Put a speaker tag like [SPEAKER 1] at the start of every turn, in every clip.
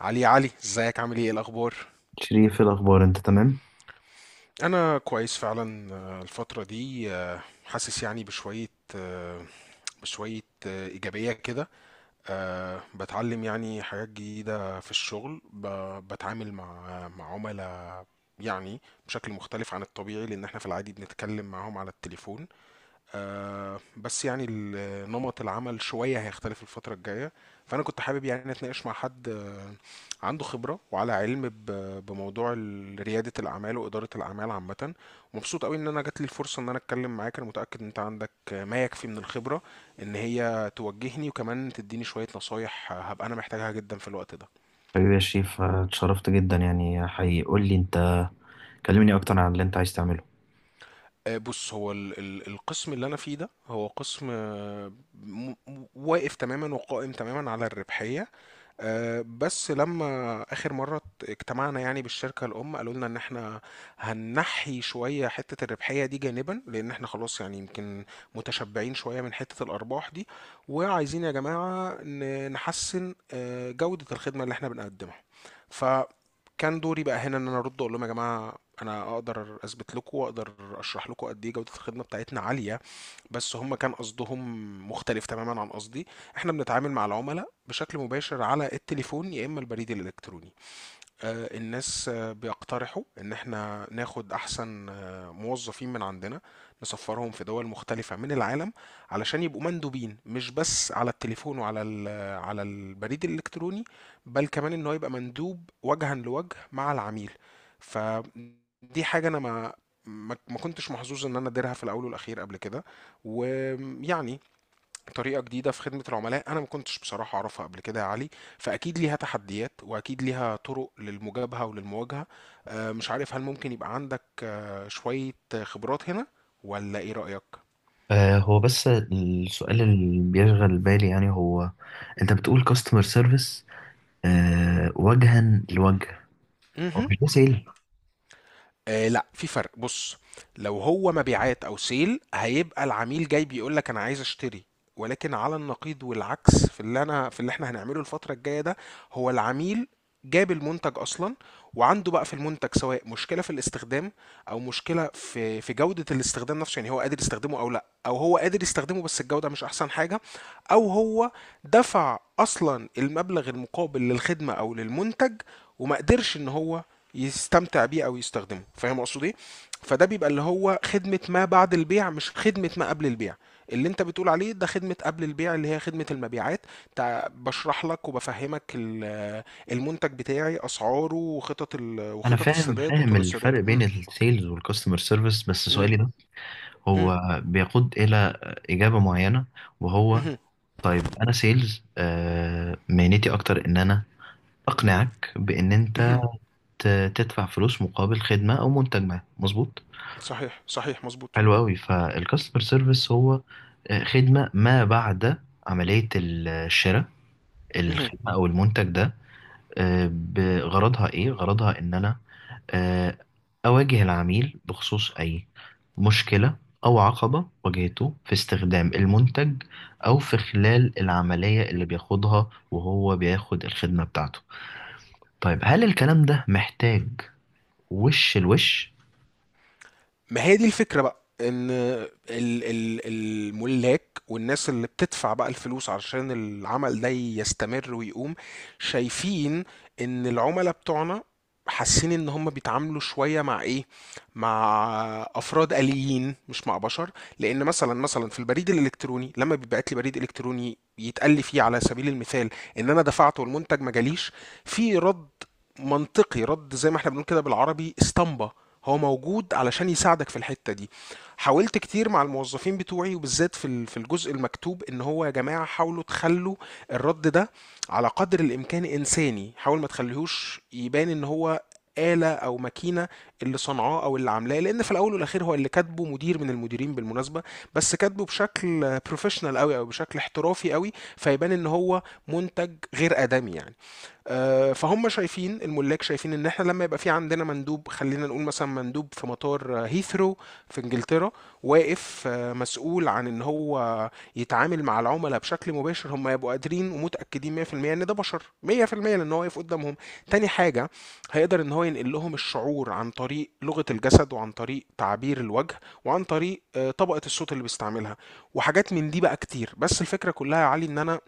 [SPEAKER 1] علي، ازيك؟ عامل ايه؟ إيه الاخبار؟
[SPEAKER 2] شريف إيه الأخبار أنت تمام؟
[SPEAKER 1] انا كويس فعلا. الفتره دي حاسس يعني بشويه، آه، بشويه ايجابيه كده. بتعلم يعني حاجات جديده في الشغل، بتعامل مع عملاء يعني بشكل مختلف عن الطبيعي، لان احنا في العادي بنتكلم معاهم على التليفون. بس يعني نمط العمل شوية هيختلف الفترة الجاية. فأنا كنت حابب يعني أتناقش مع حد عنده خبرة وعلى علم بموضوع ريادة الأعمال وإدارة الأعمال عامة، ومبسوط قوي إن أنا جات لي الفرصة إن أنا أتكلم معاك. أنا متأكد إن أنت عندك ما يكفي من الخبرة إن هي توجهني، وكمان تديني شوية نصايح هبقى أنا محتاجها جدا في الوقت ده.
[SPEAKER 2] حبيبي يا شريف، اتشرفت جدا يعني حقيقي. قول لي أنت، كلمني أكتر عن اللي أنت عايز تعمله.
[SPEAKER 1] بص، هو القسم اللي انا فيه ده هو قسم واقف تماما وقائم تماما على الربحيه. بس لما آخر مرة اجتمعنا يعني بالشركة الأم، قالوا لنا إن إحنا هننحي شوية حتة الربحية دي جانبا، لأن إحنا خلاص يعني يمكن متشبعين شوية من حتة الأرباح دي، وعايزين يا جماعة نحسن جودة الخدمة اللي إحنا بنقدمها. فكان دوري بقى هنا إن أنا أرد أقول لهم يا جماعة أنا أقدر أثبت لكم وأقدر أشرح لكم قد إيه جودة الخدمة بتاعتنا عالية، بس هم كان قصدهم مختلف تماما عن قصدي. احنا بنتعامل مع العملاء بشكل مباشر على التليفون يا اما البريد الالكتروني. الناس بيقترحوا ان احنا ناخد احسن موظفين من عندنا، نسفرهم في دول مختلفة من العالم، علشان يبقوا مندوبين مش بس على التليفون وعلى على البريد الالكتروني، بل كمان ان هو يبقى مندوب وجها لوجه مع العميل. فدي حاجة انا ما كنتش محظوظ ان انا اديرها في الاول والاخير قبل كده، ويعني طريقة جديدة في خدمة العملاء أنا ما كنتش بصراحة أعرفها قبل كده يا علي. فأكيد ليها تحديات، وأكيد ليها طرق للمجابهة وللمواجهة. مش عارف هل ممكن يبقى عندك شوية خبرات هنا، ولا إيه رأيك؟
[SPEAKER 2] هو بس السؤال اللي بيشغل بالي يعني هو انت بتقول كاستمر سيرفيس وجها لوجه. هو
[SPEAKER 1] مهم.
[SPEAKER 2] مش ده سيل؟
[SPEAKER 1] آه، لا، في فرق. بص، لو هو مبيعات او سيل هيبقى العميل جاي بيقول لك انا عايز اشتري. ولكن على النقيض والعكس، في اللي انا في اللي احنا هنعمله الفترة الجاية ده، هو العميل جاب المنتج اصلا، وعنده بقى في المنتج سواء مشكلة في الاستخدام، او مشكلة في جودة الاستخدام نفسه، يعني هو قادر يستخدمه او لا، او هو قادر يستخدمه بس الجودة مش احسن حاجة، او هو دفع اصلا المبلغ المقابل للخدمة او للمنتج وما قدرش ان هو يستمتع بيه او يستخدمه. فاهم اقصد ايه؟ فده بيبقى اللي هو خدمة ما بعد البيع، مش خدمة ما قبل البيع اللي انت بتقول عليه. ده خدمة قبل البيع اللي هي خدمة المبيعات، بشرح لك وبفهمك المنتج بتاعي، اسعاره وخطط ال...
[SPEAKER 2] انا
[SPEAKER 1] وخطط
[SPEAKER 2] فاهم
[SPEAKER 1] السداد
[SPEAKER 2] فاهم
[SPEAKER 1] وطرق السداد.
[SPEAKER 2] الفرق بين السيلز والكاستمر سيرفيس، بس
[SPEAKER 1] امم
[SPEAKER 2] سؤالي ده
[SPEAKER 1] امم
[SPEAKER 2] هو بيقود الى اجابة معينة. وهو طيب، انا سيلز، مهنتي اكتر ان انا اقنعك بان انت
[SPEAKER 1] امم
[SPEAKER 2] تدفع فلوس مقابل خدمة أو منتج ما، مظبوط؟
[SPEAKER 1] صحيح، صحيح، مظبوط.
[SPEAKER 2] حلو أوي. فالكاستمر سيرفيس هو خدمة ما بعد عملية الشراء،
[SPEAKER 1] مهم.
[SPEAKER 2] الخدمة أو المنتج ده. بغرضها إيه؟ غرضها إن أنا آه، أواجه العميل بخصوص أي مشكلة أو عقبة واجهته في استخدام المنتج، أو في خلال العملية اللي بياخدها وهو بياخد الخدمة بتاعته. طيب هل الكلام ده محتاج وش لوش؟
[SPEAKER 1] ما هي دي الفكرة بقى، ان الملاك والناس اللي بتدفع بقى الفلوس علشان العمل ده يستمر ويقوم، شايفين ان العملاء بتوعنا حاسين ان هم بيتعاملوا شوية مع ايه، مع افراد آليين مش مع بشر. لان مثلا في البريد الالكتروني، لما بيبعت لي بريد الكتروني يتقال لي فيه على سبيل المثال ان انا دفعت والمنتج ما جاليش، في رد منطقي، رد زي ما احنا بنقول كده بالعربي اسطمبة، هو موجود علشان يساعدك في الحتة دي. حاولت كتير مع الموظفين بتوعي، وبالذات في ال-، في الجزء المكتوب، ان هو يا جماعة حاولوا تخلوا الرد ده على قدر الامكان انساني، حاول ما تخليهوش يبان ان هو آلة أو ماكينة اللي صنعاه أو اللي عاملاه، لأن في الأول والأخير هو اللي كاتبه مدير من المديرين بالمناسبة، بس كاتبه بشكل بروفيشنال أوي أو بشكل احترافي أوي، فيبان إن هو منتج غير آدمي يعني. فهم شايفين، الملاك شايفين ان احنا لما يبقى في عندنا مندوب، خلينا نقول مثلا مندوب في مطار هيثرو في انجلترا، واقف مسؤول عن ان هو يتعامل مع العملاء بشكل مباشر، هم يبقوا قادرين ومتاكدين 100% ان ده بشر 100%، لان هو واقف قدامهم. تاني حاجه، هيقدر ان هو ينقل لهم الشعور عن طريق لغه الجسد، وعن طريق تعبير الوجه، وعن طريق طبقه الصوت اللي بيستعملها، وحاجات من دي بقى كتير. بس الفكره كلها يا علي، ان انا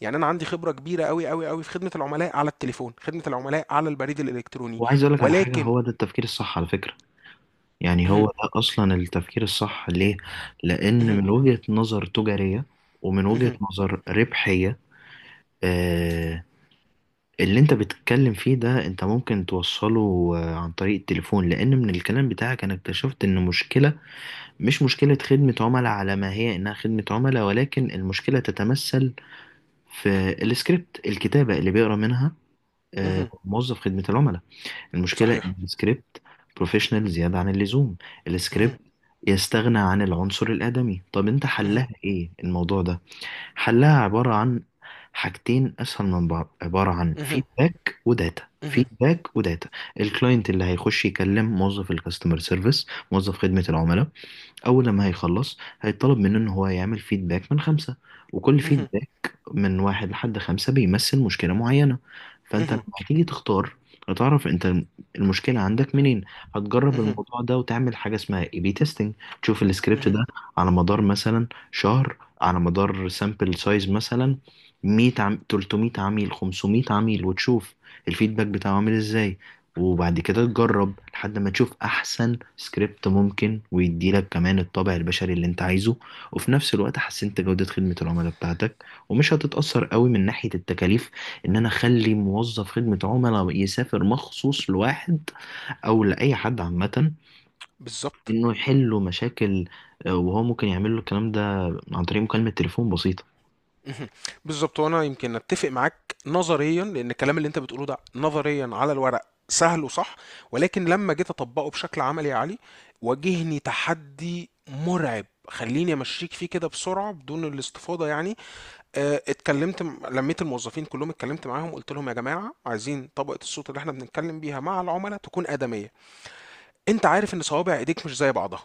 [SPEAKER 1] يعني انا عندي خبره كبيره قوي قوي قوي في خدمه العملاء على التليفون، خدمه العملاء على البريد الالكتروني،
[SPEAKER 2] وعايز اقول لك على حاجه،
[SPEAKER 1] ولكن
[SPEAKER 2] هو ده التفكير الصح على فكره. يعني هو ده اصلا التفكير الصح. ليه؟ لان من وجهه نظر تجاريه، ومن وجهه نظر ربحيه، آه اللي انت بتتكلم فيه ده انت ممكن توصله عن طريق التليفون، لان من الكلام بتاعك انا اكتشفت ان مشكله، مش مشكله خدمه عملاء على ما هي انها خدمه عملاء، ولكن المشكله تتمثل في السكريبت، الكتابه اللي بيقرا منها موظف خدمه العملاء. المشكلة إن
[SPEAKER 1] صحيح
[SPEAKER 2] السكريبت بروفيشنال زيادة عن اللزوم، السكريبت يستغنى عن العنصر الآدمي. طب أنت حلها إيه الموضوع ده؟ حلها عبارة عن حاجتين أسهل من بعض، عبارة عن فيدباك وداتا، فيدباك وداتا. الكلاينت اللي هيخش يكلم موظف الكاستمر سيرفيس، موظف خدمة العملاء، أول لما هيخلص هيطلب منه إن هو يعمل فيدباك من خمسة، وكل فيدباك من واحد لحد خمسة بيمثل مشكلة معينة. فأنت لما هتيجي تختار هتعرف أنت المشكلة عندك منين. هتجرب الموضوع ده وتعمل حاجة اسمها اي بي تيستنج، تشوف السكريبت ده على مدار مثلا شهر، على مدار سامبل سايز مثلا 100 300 عميل، 500 عميل، وتشوف الفيدباك بتاعه عامل ازاي. وبعد كده تجرب لحد ما تشوف احسن سكريبت ممكن، ويديلك كمان الطابع البشري اللي انت عايزه، وفي نفس الوقت حسنت جودة خدمة العملاء بتاعتك ومش هتتأثر قوي من ناحية التكاليف، ان انا اخلي موظف خدمة عملاء يسافر مخصوص لواحد او لاي حد عامة
[SPEAKER 1] بالظبط
[SPEAKER 2] انه يحل له مشاكل، وهو ممكن يعمل له الكلام ده عن طريق مكالمة تليفون بسيطة،
[SPEAKER 1] بالظبط. وانا يمكن اتفق معاك نظريا، لان الكلام اللي انت بتقوله ده نظريا على الورق سهل وصح، ولكن لما جيت اطبقه بشكل عملي يا علي، واجهني تحدي مرعب. خليني امشيك فيه كده بسرعه بدون الاستفاضه يعني. اتكلمت لميت الموظفين كلهم، اتكلمت معاهم قلت لهم يا جماعة عايزين طبقة الصوت اللي احنا بنتكلم بيها مع العملاء تكون آدمية. انت عارف ان صوابع ايديك مش زي بعضها،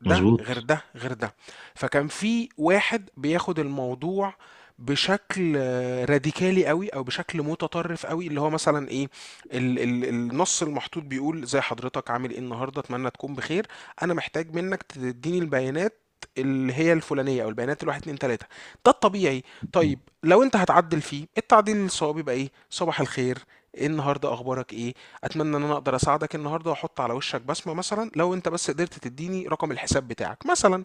[SPEAKER 1] ده غير
[SPEAKER 2] مظبوط.
[SPEAKER 1] ده غير ده. فكان في واحد بياخد الموضوع بشكل راديكالي قوي، او بشكل متطرف قوي، اللي هو مثلا ايه، ال النص المحطوط بيقول زي حضرتك عامل ايه النهارده، اتمنى تكون بخير، انا محتاج منك تديني البيانات اللي هي الفلانيه، او البيانات الواحد اتنين تلاته. ده الطبيعي. طيب لو انت هتعدل فيه، التعديل الصواب يبقى ايه، صباح الخير، إيه النهارده، اخبارك ايه، اتمنى ان انا اقدر اساعدك النهارده واحط على وشك بصمه، مثلا لو انت بس قدرت تديني رقم الحساب بتاعك مثلا.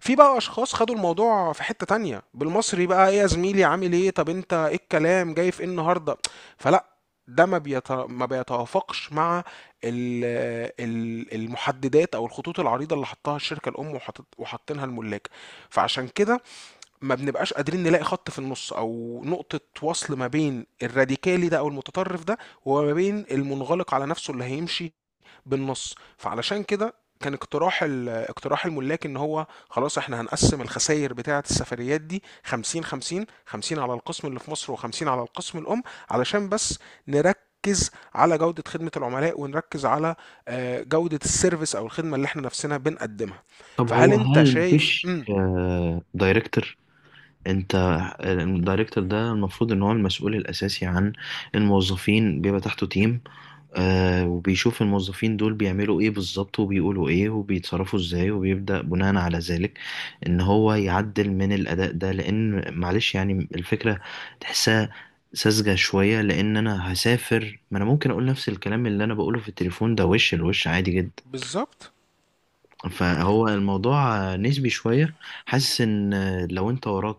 [SPEAKER 1] في بقى اشخاص خدوا الموضوع في حته تانية، بالمصري بقى، ايه يا زميلي عامل ايه، طب انت ايه الكلام جاي في ايه النهارده. فلا، ده ما بيت... ما بيتوافقش مع ال... المحددات او الخطوط العريضه اللي حطها الشركه الام، وحط... وحاطينها الملاك. فعشان كده ما بنبقاش قادرين نلاقي خط في النص او نقطة وصل ما بين الراديكالي ده او المتطرف ده، وما بين المنغلق على نفسه اللي هيمشي بالنص. فعلشان كده كان اقتراح اقتراح الملاك، ان هو خلاص احنا هنقسم الخسائر بتاعة السفريات دي 50 50، 50 على القسم اللي في مصر و50 على القسم الام، علشان بس نركز على جودة خدمة العملاء، ونركز على جودة السيرفيس او الخدمة اللي احنا نفسنا بنقدمها.
[SPEAKER 2] طب
[SPEAKER 1] فهل
[SPEAKER 2] هو
[SPEAKER 1] انت
[SPEAKER 2] هل
[SPEAKER 1] شايف؟
[SPEAKER 2] مفيش دايركتور؟ انت الدايركتور ده المفروض ان هو المسؤول الاساسي عن الموظفين، بيبقى تحته تيم، وبيشوف الموظفين دول بيعملوا ايه بالظبط وبيقولوا ايه وبيتصرفوا ازاي، وبيبدأ بناء على ذلك ان هو يعدل من الاداء ده. لان معلش يعني الفكرة تحسها ساذجة شوية، لان انا هسافر، ما انا ممكن اقول نفس الكلام اللي انا بقوله في التليفون ده وش الوش عادي جدا.
[SPEAKER 1] بالظبط.
[SPEAKER 2] فهو الموضوع نسبي شوية. حاسس ان لو انت وراك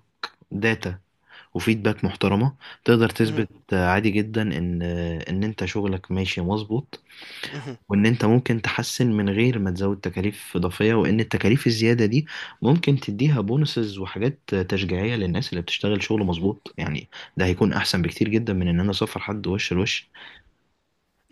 [SPEAKER 2] داتا وفيدباك محترمة، تقدر
[SPEAKER 1] مهم.
[SPEAKER 2] تثبت عادي جدا ان، ان انت شغلك ماشي مظبوط،
[SPEAKER 1] اهم.
[SPEAKER 2] وان انت ممكن تحسن من غير ما تزود تكاليف اضافية، وان التكاليف الزيادة دي ممكن تديها بونسز وحاجات تشجيعية للناس اللي بتشتغل شغل مظبوط يعني. ده هيكون احسن بكتير جدا من ان انا اسفر حد وش لوش.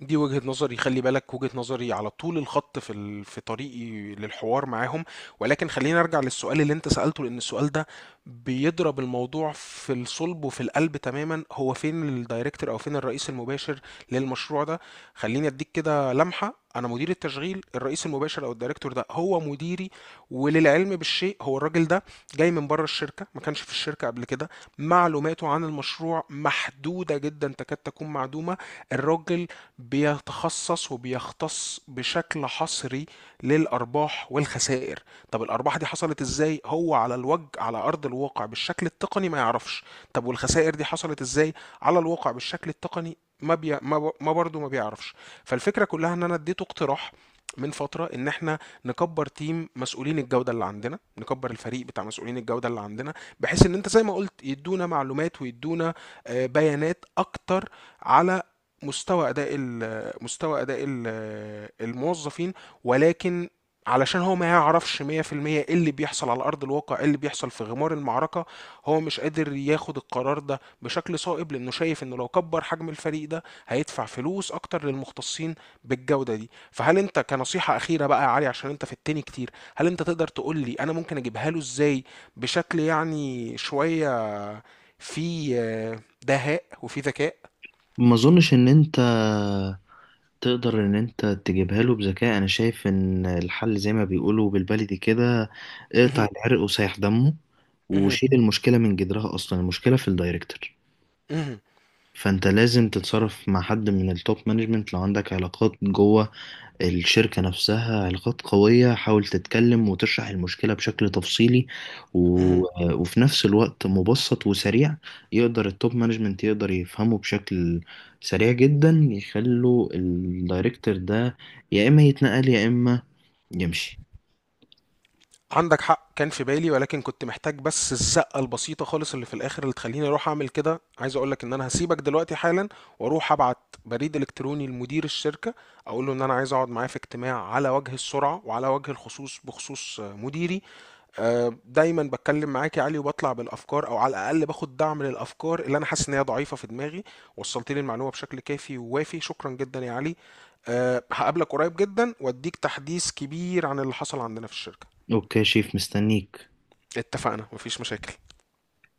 [SPEAKER 1] دي وجهة نظري، خلي بالك، وجهة نظري على طول الخط في ال...، في طريقي للحوار معاهم. ولكن خلينا ارجع للسؤال اللي انت سألته، لان السؤال ده بيضرب الموضوع في الصلب وفي القلب تماما. هو فين الدايركتور، او فين الرئيس المباشر للمشروع ده؟ خليني اديك كده لمحة، انا مدير التشغيل، الرئيس المباشر او الدايركتور ده هو مديري، وللعلم بالشيء هو الراجل ده جاي من بره الشركة، ما كانش في الشركة قبل كده، معلوماته عن المشروع محدودة جدا تكاد تكون معدومة. الراجل بيتخصص وبيختص بشكل حصري للأرباح والخسائر. طب الأرباح دي حصلت إزاي، هو على الوجه، على أرض الواقع بالشكل التقني، ما يعرفش. طب والخسائر دي حصلت إزاي على الواقع بالشكل التقني، ما بي... ما، ب... ما برضه ما بيعرفش. فالفكرة كلها إن أنا اديته اقتراح من فترة إن إحنا نكبر تيم مسؤولين الجودة اللي عندنا، نكبر الفريق بتاع مسؤولين الجودة اللي عندنا، بحيث إن أنت زي ما قلت يدونا معلومات ويدونا بيانات أكتر على مستوى اداء مستوى اداء الموظفين. ولكن علشان هو ما يعرفش 100% ايه اللي بيحصل على ارض الواقع، ايه اللي بيحصل في غمار المعركه، هو مش قادر ياخد القرار ده بشكل صائب، لانه شايف انه لو كبر حجم الفريق ده هيدفع فلوس اكتر للمختصين بالجوده دي. فهل انت، كنصيحه اخيره بقى يا علي، عشان انت في التاني كتير، هل انت تقدر تقول لي انا ممكن اجيبها له ازاي بشكل يعني شويه في دهاء وفي ذكاء؟
[SPEAKER 2] ما اظنش ان انت تقدر ان انت تجيبها له بذكاء. انا شايف ان الحل زي ما بيقولوا بالبلدي كده، اقطع العرق وسايح دمه، وشيل المشكلة من جذرها. أصلا المشكلة في الدايركتور، فأنت لازم تتصرف مع حد من التوب مانجمنت، لو عندك علاقات جوه الشركة نفسها، علاقات قوية، حاول تتكلم وتشرح المشكلة بشكل تفصيلي و...
[SPEAKER 1] مهم.
[SPEAKER 2] وفي نفس الوقت مبسط وسريع، يقدر التوب مانجمنت يقدر يفهمه بشكل سريع جدا، يخلوا الدايركتور ده يا إما يتنقل يا إما يمشي.
[SPEAKER 1] عندك حق، كان في بالي، ولكن كنت محتاج بس الزقة البسيطة خالص اللي في الآخر اللي تخليني أروح أعمل كده. عايز أقولك إن أنا هسيبك دلوقتي حالا وأروح أبعت بريد إلكتروني لمدير الشركة، أقول له إن أنا عايز أقعد معاه في اجتماع على وجه السرعة وعلى وجه الخصوص بخصوص مديري. دايما بتكلم معاك يا علي وبطلع بالأفكار، أو على الأقل باخد دعم للأفكار اللي أنا حاسس إن هي ضعيفة في دماغي. وصلت لي المعلومة بشكل كافي ووافي، شكرا جدا يا علي. هقابلك قريب جدا وأديك تحديث كبير عن اللي حصل عندنا في الشركة.
[SPEAKER 2] أوكي يا شيف، مستنيك.
[SPEAKER 1] اتفقنا، مفيش مشاكل.